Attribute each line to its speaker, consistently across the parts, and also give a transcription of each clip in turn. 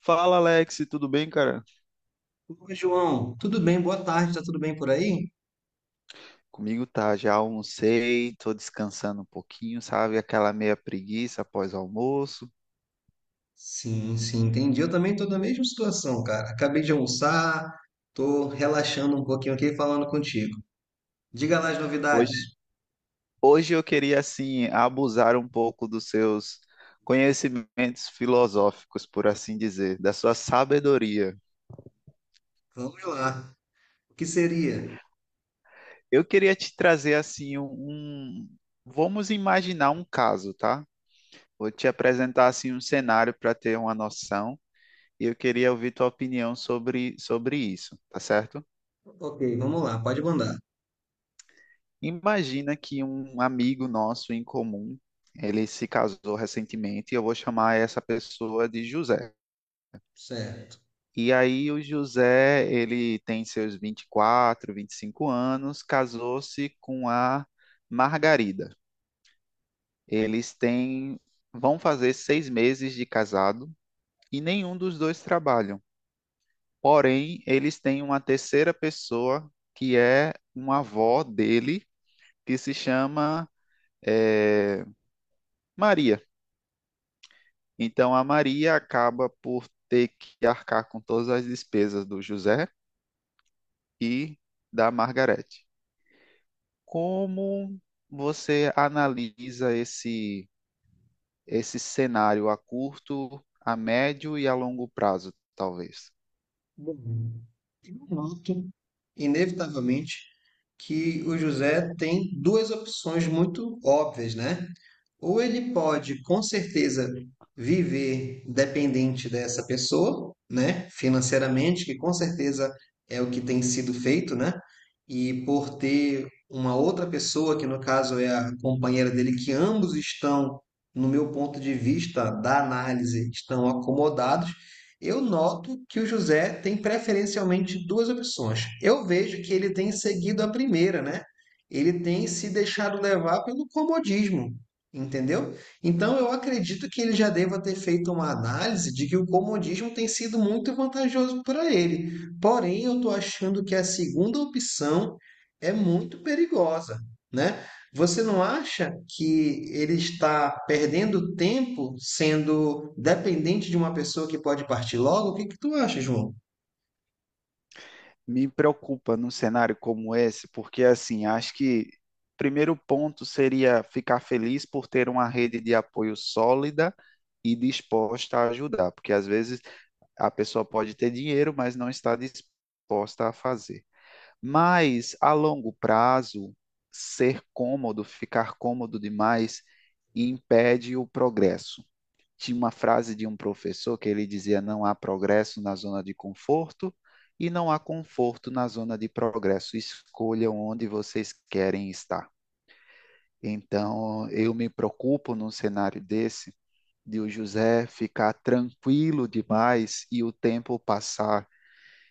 Speaker 1: Fala, Alex, tudo bem, cara?
Speaker 2: Oi, João, tudo bem? Boa tarde, tá tudo bem por aí?
Speaker 1: Comigo tá, já almocei, tô descansando um pouquinho, sabe? Aquela meia preguiça após o almoço.
Speaker 2: Sim, sim, entendi. Eu também tô na mesma situação, cara. Acabei de almoçar, tô relaxando um pouquinho aqui e falando contigo. Diga lá as
Speaker 1: Hoje,
Speaker 2: novidades.
Speaker 1: hoje, eu queria, assim, abusar um pouco dos seus conhecimentos filosóficos, por assim dizer, da sua sabedoria.
Speaker 2: Vamos lá. O que seria?
Speaker 1: Eu queria te trazer, assim, vamos imaginar um caso, tá? Vou te apresentar, assim, um cenário para ter uma noção e eu queria ouvir tua opinião sobre isso, tá certo?
Speaker 2: Ok, vamos lá, pode mandar.
Speaker 1: Imagina que um amigo nosso em comum, ele se casou recentemente e eu vou chamar essa pessoa de José.
Speaker 2: Certo.
Speaker 1: E aí o José, ele tem seus 24, 25 anos, casou-se com a Margarida. Eles têm, vão fazer 6 meses de casado e nenhum dos dois trabalham. Porém, eles têm uma terceira pessoa que é uma avó dele, que se chama eh, Maria. Então a Maria acaba por ter que arcar com todas as despesas do José e da Margarete. Como você analisa esse cenário a curto, a médio e a longo prazo, talvez?
Speaker 2: Bom, eu noto, inevitavelmente, que o José tem duas opções muito óbvias, né? Ou ele pode, com certeza, viver dependente dessa pessoa, né? Financeiramente, que com certeza é o que tem sido feito, né? E por ter uma outra pessoa, que no caso é a companheira dele, que ambos estão, no meu ponto de vista da análise, estão acomodados, eu noto que o José tem preferencialmente duas opções. Eu vejo que ele tem seguido a primeira, né? Ele tem se deixado levar pelo comodismo, entendeu? Então eu acredito que ele já deva ter feito uma análise de que o comodismo tem sido muito vantajoso para ele. Porém, eu estou achando que a segunda opção é muito perigosa, né? Você não acha que ele está perdendo tempo sendo dependente de uma pessoa que pode partir logo? O que que tu acha, João?
Speaker 1: Me preocupa num cenário como esse, porque assim, acho que o primeiro ponto seria ficar feliz por ter uma rede de apoio sólida e disposta a ajudar, porque às vezes a pessoa pode ter dinheiro, mas não está disposta a fazer. Mas a longo prazo, ser cômodo, ficar cômodo demais, impede o progresso. Tinha uma frase de um professor que ele dizia: não há progresso na zona de conforto e não há conforto na zona de progresso. Escolham onde vocês querem estar. Então, eu me preocupo num cenário desse de o José ficar tranquilo demais e o tempo passar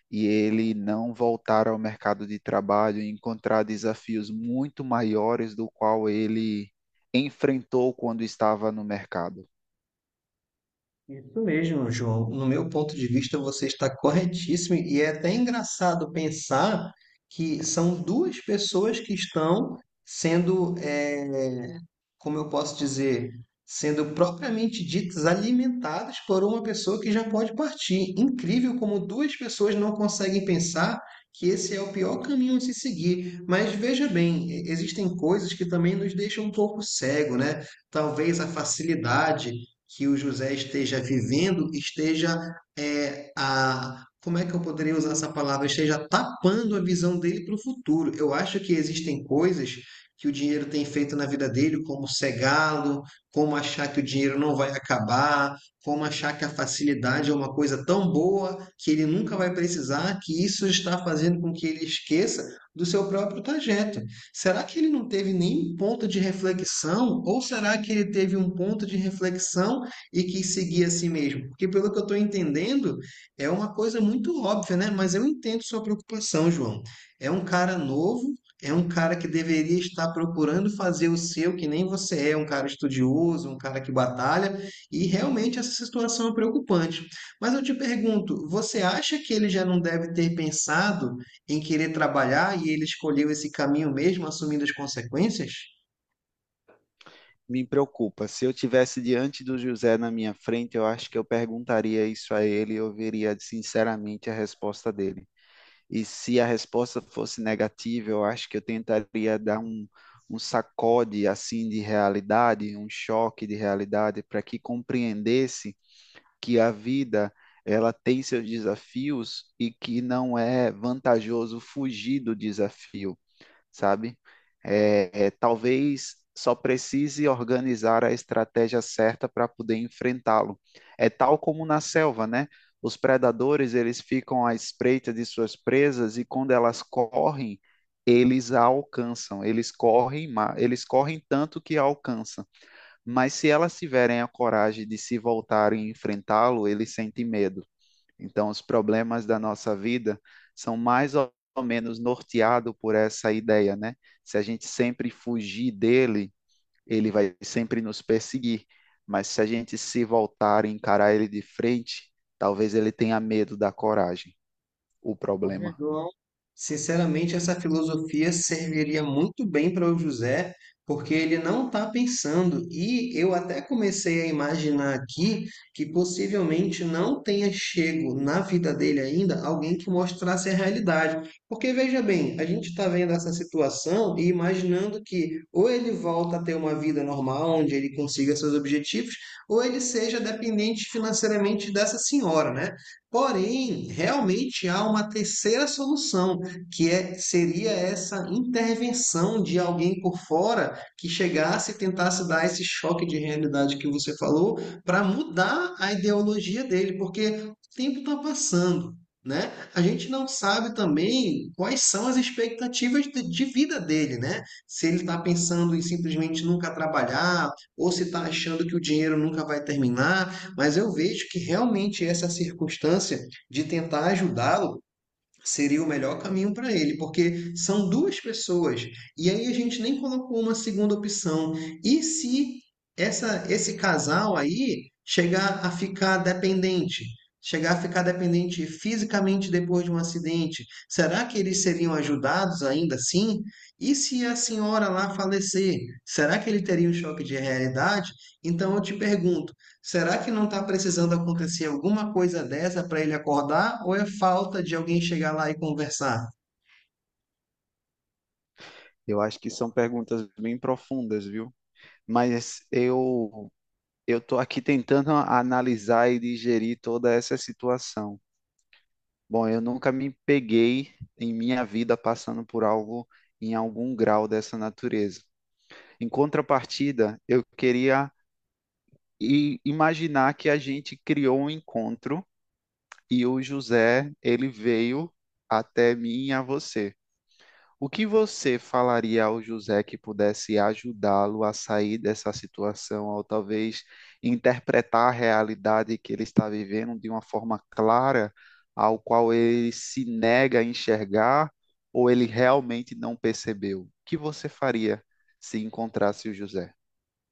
Speaker 1: e ele não voltar ao mercado de trabalho e encontrar desafios muito maiores do qual ele enfrentou quando estava no mercado.
Speaker 2: Isso mesmo, João. No meu ponto de vista, você está corretíssimo e é até engraçado pensar que são duas pessoas que estão sendo como eu posso dizer, sendo propriamente ditas alimentadas por uma pessoa que já pode partir. Incrível como duas pessoas não conseguem pensar que esse é o pior caminho a se seguir. Mas veja bem, existem coisas que também nos deixam um pouco cego, né? Talvez a facilidade que o José esteja vivendo esteja é, a como é que eu poderia usar essa palavra? Esteja tapando a visão dele para o futuro. Eu acho que existem coisas que o dinheiro tem feito na vida dele, como cegá-lo, como achar que o dinheiro não vai acabar, como achar que a facilidade é uma coisa tão boa que ele nunca vai precisar, que isso está fazendo com que ele esqueça do seu próprio trajeto. Será que ele não teve nenhum ponto de reflexão? Ou será que ele teve um ponto de reflexão e quis seguir a si mesmo? Porque, pelo que eu estou entendendo, é uma coisa muito óbvia, né? Mas eu entendo sua preocupação, João. É um cara novo, é um cara que deveria estar procurando fazer o seu, que nem você é, um cara estudioso, um cara que batalha, e realmente essa situação é preocupante. Mas eu te pergunto, você acha que ele já não deve ter pensado em querer trabalhar e ele escolheu esse caminho mesmo, assumindo as consequências?
Speaker 1: Me preocupa. Se eu tivesse diante do José na minha frente, eu acho que eu perguntaria isso a ele e eu veria sinceramente a resposta dele. E se a resposta fosse negativa, eu acho que eu tentaria dar um sacode assim de realidade, um choque de realidade, para que compreendesse que a vida ela tem seus desafios e que não é vantajoso fugir do desafio, sabe? Talvez só precise organizar a estratégia certa para poder enfrentá-lo. É tal como na selva, né? Os predadores, eles ficam à espreita de suas presas e quando elas correm, eles a alcançam. Eles correm, eles correm tanto que a alcançam. Mas se elas tiverem a coragem de se voltarem e enfrentá-lo, ele sente medo. Então, os problemas da nossa vida são mais ou menos norteados por essa ideia, né? Se a gente sempre fugir dele, ele vai sempre nos perseguir. Mas se a gente se voltar e encarar ele de frente, talvez ele tenha medo da coragem, o problema.
Speaker 2: Amigão, sinceramente, essa filosofia serviria muito bem para o José, porque ele não está pensando. E eu até comecei a imaginar aqui que possivelmente não tenha chego na vida dele ainda alguém que mostrasse a realidade. Porque veja bem, a gente está vendo essa situação e imaginando que ou ele volta a ter uma vida normal, onde ele consiga seus objetivos, ou ele seja dependente financeiramente dessa senhora, né? Porém, realmente há uma terceira solução, que é, seria essa intervenção de alguém por fora que chegasse e tentasse dar esse choque de realidade que você falou para mudar a ideologia dele, porque o tempo está passando. Né? A gente não sabe também quais são as expectativas de vida dele, né? Se ele está pensando em simplesmente nunca trabalhar, ou se está achando que o dinheiro nunca vai terminar, mas eu vejo que realmente essa circunstância de tentar ajudá-lo seria o melhor caminho para ele, porque são duas pessoas e aí a gente nem colocou uma segunda opção. E se essa, esse casal aí chegar a ficar dependente? Chegar a ficar dependente fisicamente depois de um acidente, será que eles seriam ajudados ainda assim? E se a senhora lá falecer, será que ele teria um choque de realidade? Então eu te pergunto. Será que não está precisando acontecer alguma coisa dessa para ele acordar? Ou é falta de alguém chegar lá e conversar?
Speaker 1: Eu acho que são perguntas bem profundas, viu? Mas eu estou aqui tentando analisar e digerir toda essa situação. Bom, eu nunca me peguei em minha vida passando por algo em algum grau dessa natureza. Em contrapartida, eu queria imaginar que a gente criou um encontro e o José, ele veio até mim e a você. O que você falaria ao José que pudesse ajudá-lo a sair dessa situação, ou talvez interpretar a realidade que ele está vivendo de uma forma clara, ao qual ele se nega a enxergar, ou ele realmente não percebeu? O que você faria se encontrasse o José?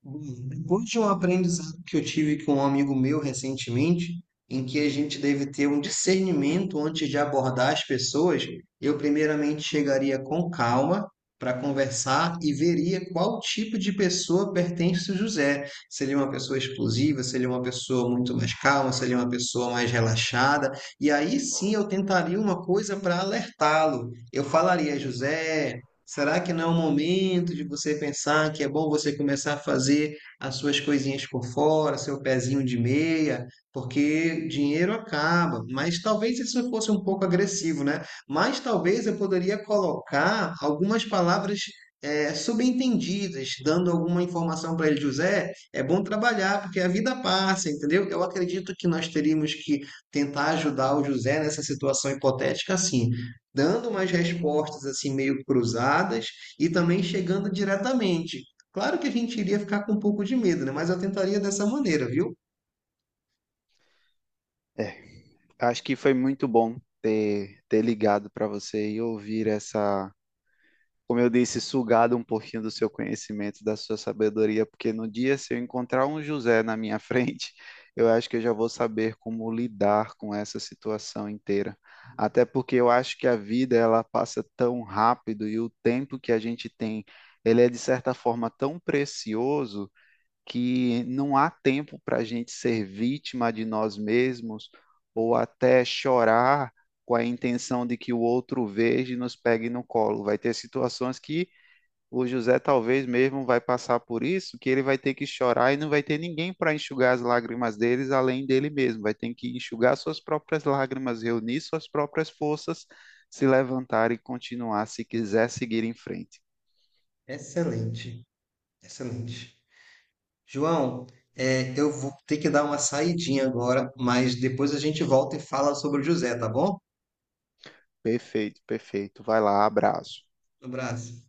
Speaker 2: Bom, depois de um aprendizado que eu tive com um amigo meu recentemente, em que a gente deve ter um discernimento antes de abordar as pessoas, eu primeiramente chegaria com calma para conversar e veria qual tipo de pessoa pertence o José. Se ele é uma pessoa explosiva, se ele é uma pessoa muito mais calma, se ele é uma pessoa mais relaxada. E aí sim eu tentaria uma coisa para alertá-lo. Eu falaria, José. Será que não é o momento de você pensar que é bom você começar a fazer as suas coisinhas por fora, seu pezinho de meia, porque dinheiro acaba? Mas talvez isso fosse um pouco agressivo, né? Mas talvez eu poderia colocar algumas palavras subentendidas, dando alguma informação para ele, José, é bom trabalhar, porque a vida passa, entendeu? Eu acredito que nós teríamos que tentar ajudar o José nessa situação hipotética assim, dando umas respostas assim meio cruzadas e também chegando diretamente. Claro que a gente iria ficar com um pouco de medo, né? Mas eu tentaria dessa maneira, viu?
Speaker 1: É, acho que foi muito bom ter ligado para você e ouvir essa, como eu disse, sugado um pouquinho do seu conhecimento, da sua sabedoria, porque no dia, se eu encontrar um José na minha frente, eu acho que eu já vou saber como lidar com essa situação inteira. Até porque eu acho que a vida ela passa tão rápido e o tempo que a gente tem, ele é de certa forma tão precioso que não há tempo para a gente ser vítima de nós mesmos ou até chorar com a intenção de que o outro veja e nos pegue no colo. Vai ter situações que o José talvez mesmo vai passar por isso, que ele vai ter que chorar e não vai ter ninguém para enxugar as lágrimas deles além dele mesmo. Vai ter que enxugar suas próprias lágrimas, reunir suas próprias forças, se levantar e continuar se quiser seguir em frente.
Speaker 2: Excelente, excelente. João, é, eu vou ter que dar uma saidinha agora, mas depois a gente volta e fala sobre o José, tá bom?
Speaker 1: Perfeito, perfeito. Vai lá, abraço.
Speaker 2: Um abraço.